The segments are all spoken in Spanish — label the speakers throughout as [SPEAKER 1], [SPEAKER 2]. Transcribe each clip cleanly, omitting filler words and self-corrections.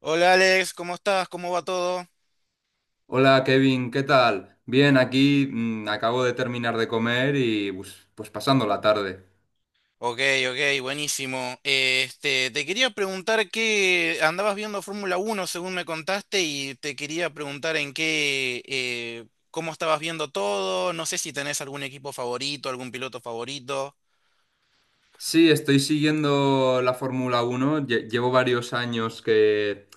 [SPEAKER 1] Hola Alex, ¿cómo estás? ¿Cómo va todo?
[SPEAKER 2] Hola Kevin, ¿qué tal? Bien, aquí acabo de terminar de comer y pues pasando la tarde.
[SPEAKER 1] Ok, ok, buenísimo. Te quería preguntar que andabas viendo Fórmula Uno, según me contaste, y te quería preguntar cómo estabas viendo todo. No sé si tenés algún equipo favorito, algún piloto favorito.
[SPEAKER 2] Sí, estoy siguiendo la Fórmula Uno. Llevo varios años que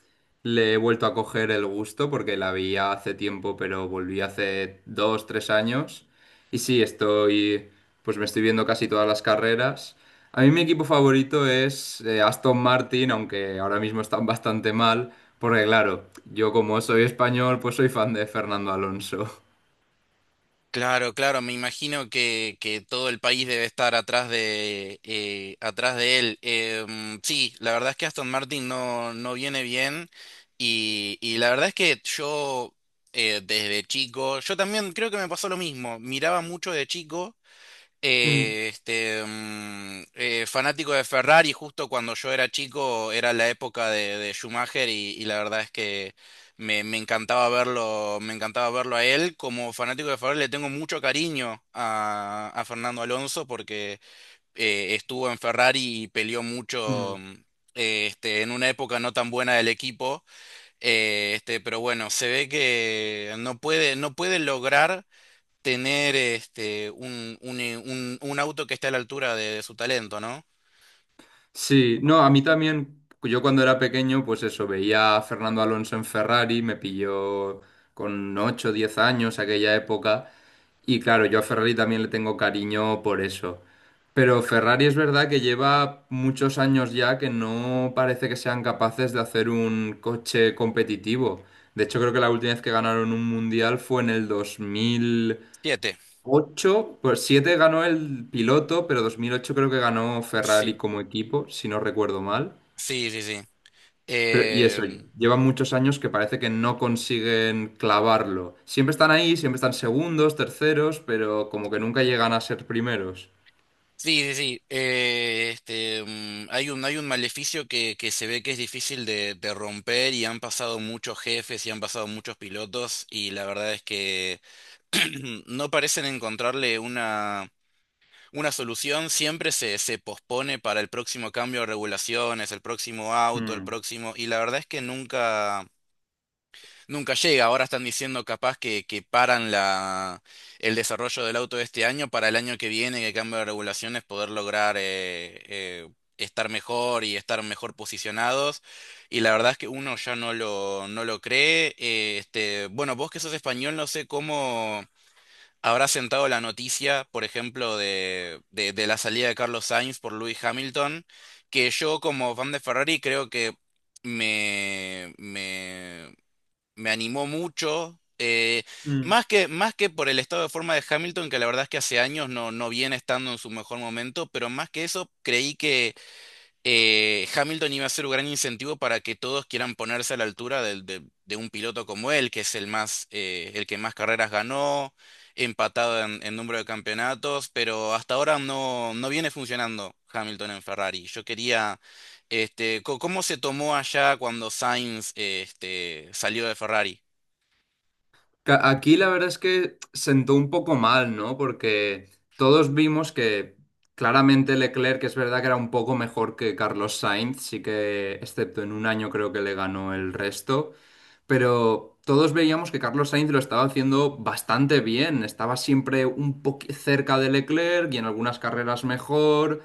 [SPEAKER 2] le he vuelto a coger el gusto porque la veía hace tiempo, pero volví hace dos, tres años. Y sí, pues me estoy viendo casi todas las carreras. A mí mi equipo favorito es Aston Martin, aunque ahora mismo están bastante mal, porque claro, yo como soy español, pues soy fan de Fernando Alonso.
[SPEAKER 1] Claro, claro, me imagino que todo el país debe estar atrás de él. Sí, la verdad es que Aston Martin no, no viene bien y la verdad es que yo desde chico, yo también creo que me pasó lo mismo, miraba mucho de chico
[SPEAKER 2] Mm.
[SPEAKER 1] fanático de Ferrari, justo cuando yo era chico era la época de Schumacher, y la verdad es que me encantaba verlo a él. Como fanático de Ferrari le tengo mucho cariño a Fernando Alonso porque estuvo en Ferrari y peleó mucho.
[SPEAKER 2] Mm.
[SPEAKER 1] En una época no tan buena del equipo, pero bueno, se ve que no puede, no puede lograr tener un, un auto que esté a la altura de su talento, ¿no?
[SPEAKER 2] Sí, no, a mí también, yo cuando era pequeño, pues eso, veía a Fernando Alonso en Ferrari, me pilló con 8, o 10 años aquella época, y claro, yo a Ferrari también le tengo cariño por eso. Pero Ferrari es verdad que lleva muchos años ya que no parece que sean capaces de hacer un coche competitivo. De hecho, creo que la última vez que ganaron un mundial fue en el 2000
[SPEAKER 1] Siete.
[SPEAKER 2] 8 por 7 ganó el piloto, pero 2008 creo que ganó Ferrari
[SPEAKER 1] Sí,
[SPEAKER 2] como equipo, si no recuerdo mal.
[SPEAKER 1] sí, sí, sí.
[SPEAKER 2] Pero, y
[SPEAKER 1] Eh,
[SPEAKER 2] eso, llevan muchos años que parece que no consiguen clavarlo. Siempre están ahí, siempre están segundos, terceros, pero como que nunca llegan a ser primeros.
[SPEAKER 1] sí, sí, sí. Hay un, hay un maleficio que se ve que es difícil de romper, y han pasado muchos jefes y han pasado muchos pilotos, y la verdad es que no parecen encontrarle una solución. Siempre se, se pospone para el próximo cambio de regulaciones, el próximo auto, el
[SPEAKER 2] Mm.
[SPEAKER 1] próximo. Y la verdad es que nunca. Nunca llega. Ahora están diciendo capaz que paran la, el desarrollo del auto de este año para el año que viene, que cambio de regulaciones, poder lograr estar mejor y estar mejor posicionados. Y la verdad es que uno ya no lo, no lo cree. Bueno, vos que sos español, no sé cómo habrá sentado la noticia, por ejemplo, de, de la salida de Carlos Sainz por Lewis Hamilton, que yo como fan de Ferrari creo que me, me me animó mucho.
[SPEAKER 2] Mm.
[SPEAKER 1] Más que, más que por el estado de forma de Hamilton, que la verdad es que hace años no, no viene estando en su mejor momento, pero más que eso, creí que Hamilton iba a ser un gran incentivo para que todos quieran ponerse a la altura de un piloto como él, que es el más, el que más carreras ganó, empatado en número de campeonatos, pero hasta ahora no, no viene funcionando Hamilton en Ferrari. Yo quería. ¿Cómo se tomó allá cuando Sainz, salió de Ferrari?
[SPEAKER 2] Aquí la verdad es que sentó un poco mal, ¿no? Porque todos vimos que claramente Leclerc, que es verdad que era un poco mejor que Carlos Sainz, sí que, excepto en un año creo que le ganó el resto, pero todos veíamos que Carlos Sainz lo estaba haciendo bastante bien, estaba siempre un poco cerca de Leclerc y en algunas carreras mejor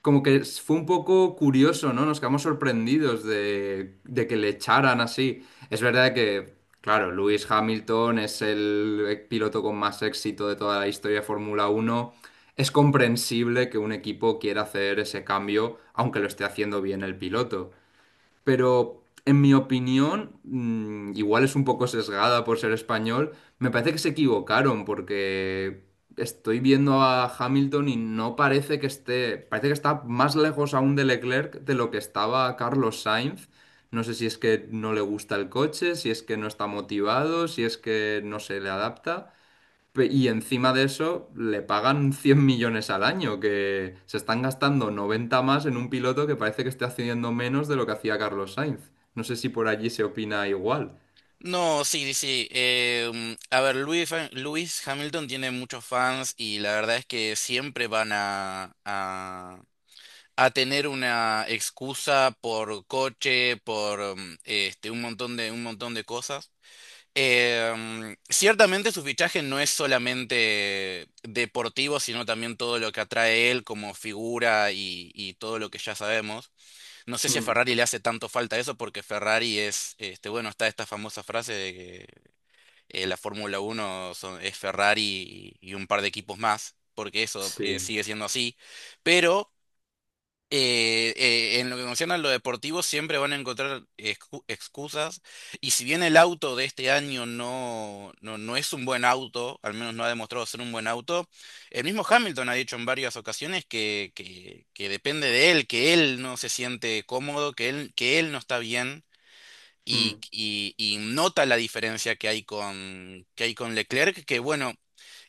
[SPEAKER 2] como que fue un poco curioso, ¿no? Nos quedamos sorprendidos de que le echaran así. Es verdad que, claro, Lewis Hamilton es el piloto con más éxito de toda la historia de Fórmula Uno. Es comprensible que un equipo quiera hacer ese cambio, aunque lo esté haciendo bien el piloto, pero en mi opinión, igual es un poco sesgada por ser español, me parece que se equivocaron porque estoy viendo a Hamilton y no parece que esté, parece que está más lejos aún de Leclerc de lo que estaba Carlos Sainz. No sé si es que no le gusta el coche, si es que no está motivado, si es que no se le adapta. Y encima de eso le pagan 100 millones al año, que se están gastando 90 más en un piloto que parece que está haciendo menos de lo que hacía Carlos Sainz. No sé si por allí se opina igual.
[SPEAKER 1] No, sí, sí. A ver, Lewis Hamilton tiene muchos fans y la verdad es que siempre van a tener una excusa por coche, por un montón de cosas. Ciertamente su fichaje no es solamente deportivo, sino también todo lo que atrae él como figura y todo lo que ya sabemos. No sé si a
[SPEAKER 2] Mm,
[SPEAKER 1] Ferrari le hace tanto falta eso porque Ferrari es, bueno, está esta famosa frase de que la Fórmula Uno es Ferrari y un par de equipos más, porque eso
[SPEAKER 2] Sí.
[SPEAKER 1] sigue siendo así. Pero en lo que concierne a lo deportivo siempre van a encontrar excusas. Y si bien el auto de este año no, no, no es un buen auto, al menos no ha demostrado ser un buen auto, el mismo Hamilton ha dicho en varias ocasiones que depende de él, que él no se siente cómodo, que él no está bien y,
[SPEAKER 2] Mm,
[SPEAKER 1] y nota la diferencia que hay con Leclerc, que bueno,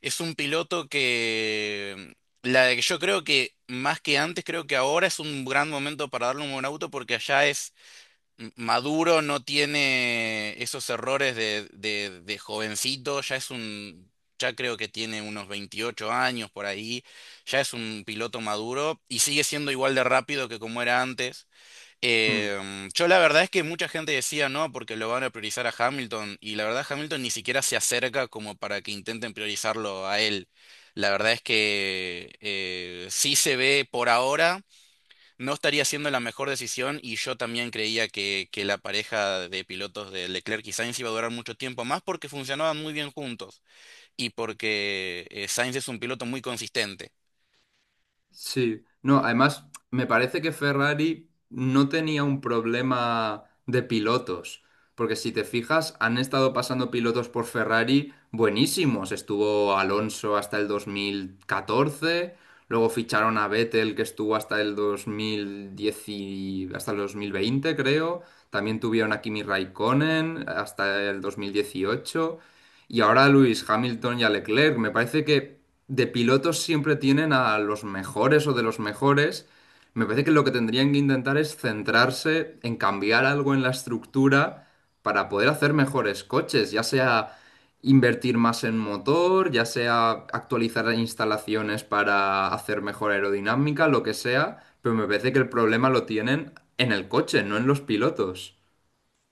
[SPEAKER 1] es un piloto que la de que yo creo que más que antes, creo que ahora es un gran momento para darle un buen auto porque allá es maduro, no tiene esos errores de jovencito, ya es un, ya creo que tiene unos 28 años por ahí, ya es un piloto maduro y sigue siendo igual de rápido que como era antes.
[SPEAKER 2] mm.
[SPEAKER 1] Yo la verdad es que mucha gente decía no, porque lo van a priorizar a Hamilton, y la verdad Hamilton ni siquiera se acerca como para que intenten priorizarlo a él. La verdad es que sí se ve por ahora, no estaría siendo la mejor decisión, y yo también creía que la pareja de pilotos de Leclerc y Sainz iba a durar mucho tiempo más porque funcionaban muy bien juntos, y porque Sainz es un piloto muy consistente.
[SPEAKER 2] Sí, no, además me parece que Ferrari no tenía un problema de pilotos, porque si te fijas, han estado pasando pilotos por Ferrari buenísimos. Estuvo Alonso hasta el 2014, luego ficharon a Vettel que estuvo hasta el 2010 hasta el 2020, creo. También tuvieron a Kimi Raikkonen hasta el 2018. Y ahora Luis Hamilton y a Leclerc, me parece que de pilotos siempre tienen a los mejores o de los mejores. Me parece que lo que tendrían que intentar es centrarse en cambiar algo en la estructura para poder hacer mejores coches, ya sea invertir más en motor, ya sea actualizar las instalaciones para hacer mejor aerodinámica, lo que sea, pero me parece que el problema lo tienen en el coche, no en los pilotos.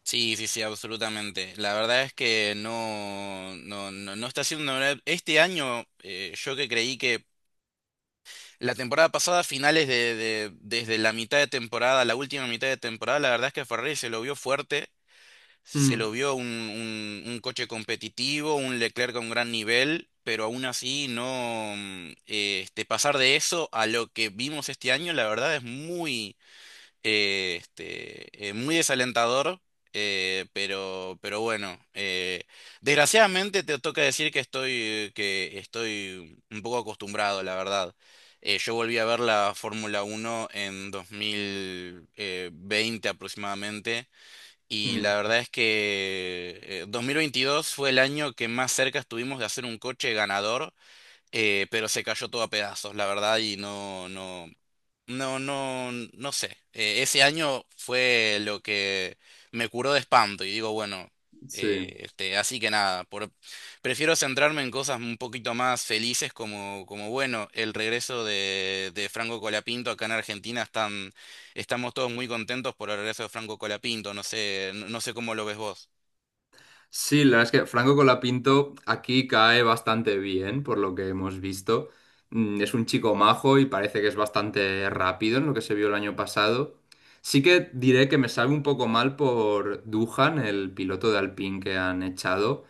[SPEAKER 1] Sí, sí, sí, absolutamente. La verdad es que no, no, no, no está siendo una verdad. Este año, yo que creí que la temporada pasada, finales desde la mitad de temporada, la última mitad de temporada, la verdad es que Ferrari se lo vio fuerte, se lo
[SPEAKER 2] Mm,
[SPEAKER 1] vio un, un coche competitivo, un Leclerc con gran nivel, pero aún así no, pasar de eso a lo que vimos este año, la verdad es muy muy desalentador, pero bueno, desgraciadamente te toca decir que estoy un poco acostumbrado, la verdad. Yo volví a ver la Fórmula Uno en 2020 aproximadamente y la
[SPEAKER 2] mm.
[SPEAKER 1] verdad es que 2022 fue el año que más cerca estuvimos de hacer un coche ganador, pero se cayó todo a pedazos, la verdad, y no, no, no, no, no sé. Ese año fue lo que me curó de espanto y digo, bueno,
[SPEAKER 2] Sí.
[SPEAKER 1] así que nada, por, prefiero centrarme en cosas un poquito más felices como, como bueno, el regreso de Franco Colapinto acá en Argentina, están, estamos todos muy contentos por el regreso de Franco Colapinto, no sé, no, no sé cómo lo ves vos.
[SPEAKER 2] Sí, la verdad es que Franco Colapinto aquí cae bastante bien, por lo que hemos visto. Es un chico majo y parece que es bastante rápido en lo que se vio el año pasado. Sí que diré que me sabe un poco mal por Duhan, el piloto de Alpine que han echado.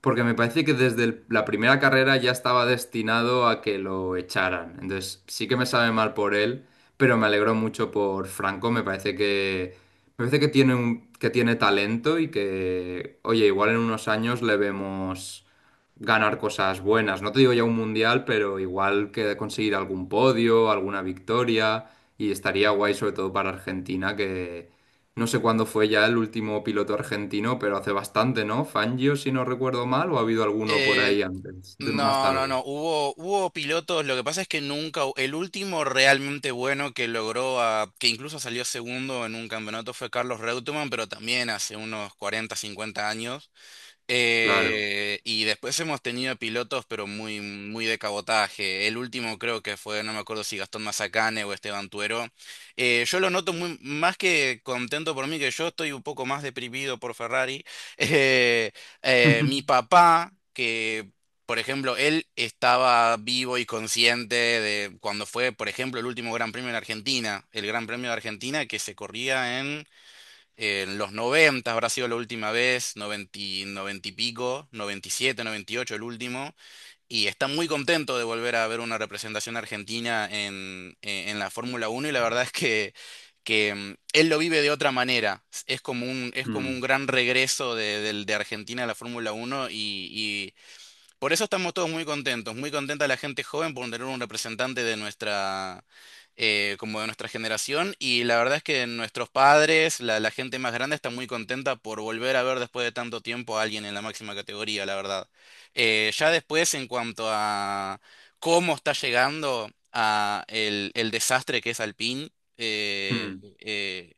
[SPEAKER 2] Porque me parece que desde la primera carrera ya estaba destinado a que lo echaran. Entonces sí que me sabe mal por él, pero me alegro mucho por Franco. Me parece que tiene un, que tiene talento y que, oye, igual en unos años le vemos ganar cosas buenas. No te digo ya un mundial, pero igual que conseguir algún podio, alguna victoria. Y estaría guay sobre todo para Argentina. No sé cuándo fue ya el último piloto argentino, pero hace bastante, ¿no? Fangio, si no recuerdo mal, o ha habido alguno por
[SPEAKER 1] Eh,
[SPEAKER 2] ahí antes, más
[SPEAKER 1] No, no,
[SPEAKER 2] tarde.
[SPEAKER 1] no. Hubo, hubo pilotos. Lo que pasa es que nunca, el último realmente bueno que logró, que incluso salió segundo en un campeonato fue Carlos Reutemann, pero también hace unos 40, 50 años.
[SPEAKER 2] Claro.
[SPEAKER 1] Y después hemos tenido pilotos, pero muy, muy de cabotaje. El último creo que fue, no me acuerdo si Gastón Mazacane o Esteban Tuero. Yo lo noto muy, más que contento por mí, que yo estoy un poco más deprimido por Ferrari. Eh, Mi papá, que por ejemplo, él estaba vivo y consciente de cuando fue, por ejemplo, el último Gran Premio en Argentina, el Gran Premio de Argentina que se corría en los 90 habrá sido la última vez, 90 y pico, 97, 98 el último, y está muy contento de volver a ver una representación argentina en, en la Fórmula uno, y la verdad es que él lo vive de otra manera, es como
[SPEAKER 2] Mm,
[SPEAKER 1] un gran regreso de, de Argentina a la Fórmula uno y, por eso estamos todos muy contentos, muy contenta la gente joven por tener un representante de nuestra, como de nuestra generación. Y la verdad es que nuestros padres, la gente más grande, está muy contenta por volver a ver después de tanto tiempo a alguien en la máxima categoría, la verdad. Ya después, en cuanto a cómo está llegando a el desastre que es Alpine, eh,
[SPEAKER 2] mm.
[SPEAKER 1] eh,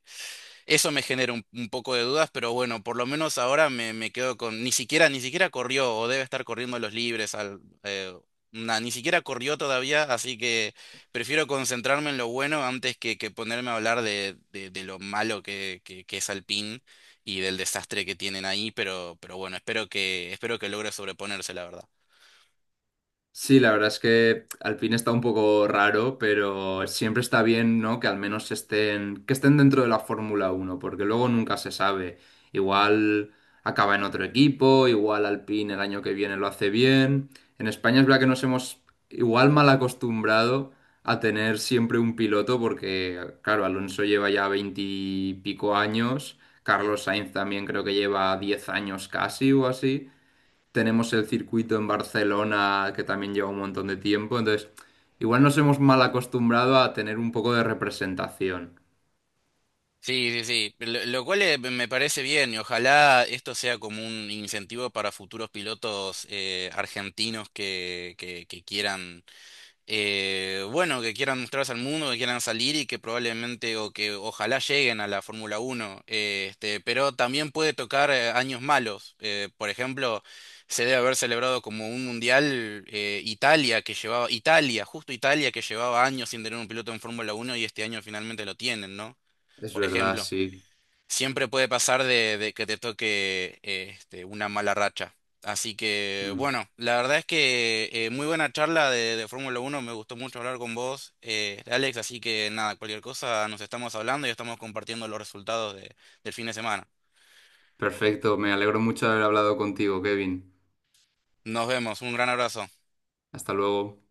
[SPEAKER 1] eso me genera un poco de dudas, pero bueno, por lo menos ahora me, me quedo con, ni siquiera, ni siquiera corrió o debe estar corriendo los libres al, na, ni siquiera corrió todavía, así que prefiero concentrarme en lo bueno antes que ponerme a hablar de, de lo malo que es Alpine y del desastre que tienen ahí, pero bueno, espero que logre sobreponerse, la verdad.
[SPEAKER 2] Sí, la verdad es que Alpine está un poco raro, pero siempre está bien, ¿no? Que al menos estén, que estén dentro de la Fórmula Uno, porque luego nunca se sabe. Igual acaba en otro equipo, igual Alpine el año que viene lo hace bien. En España es verdad que nos hemos igual mal acostumbrado a tener siempre un piloto, porque, claro, Alonso lleva ya veintipico años, Carlos Sainz también creo que lleva 10 años casi o así. Tenemos el circuito en Barcelona que también lleva un montón de tiempo, entonces igual nos hemos mal acostumbrado a tener un poco de representación.
[SPEAKER 1] Sí, sí, sí, lo cual me parece bien, y ojalá esto sea como un incentivo para futuros pilotos argentinos que quieran, bueno, que quieran mostrarse al mundo, que quieran salir y que probablemente o que ojalá lleguen a la Fórmula Uno. Pero también puede tocar años malos. Por ejemplo, se debe haber celebrado como un mundial Italia que llevaba, Italia, justo Italia que llevaba años sin tener un piloto en Fórmula Uno y este año finalmente lo tienen, ¿no?
[SPEAKER 2] Es
[SPEAKER 1] Por
[SPEAKER 2] verdad,
[SPEAKER 1] ejemplo.
[SPEAKER 2] sí.
[SPEAKER 1] Siempre puede pasar de que te toque una mala racha. Así que,
[SPEAKER 2] Mm.
[SPEAKER 1] bueno, la verdad es que muy buena charla de Fórmula 1, me gustó mucho hablar con vos, Alex, así que nada, cualquier cosa nos estamos hablando y estamos compartiendo los resultados del fin de semana.
[SPEAKER 2] Perfecto, me alegro mucho de haber hablado contigo, Kevin.
[SPEAKER 1] Nos vemos, un gran abrazo.
[SPEAKER 2] Hasta luego.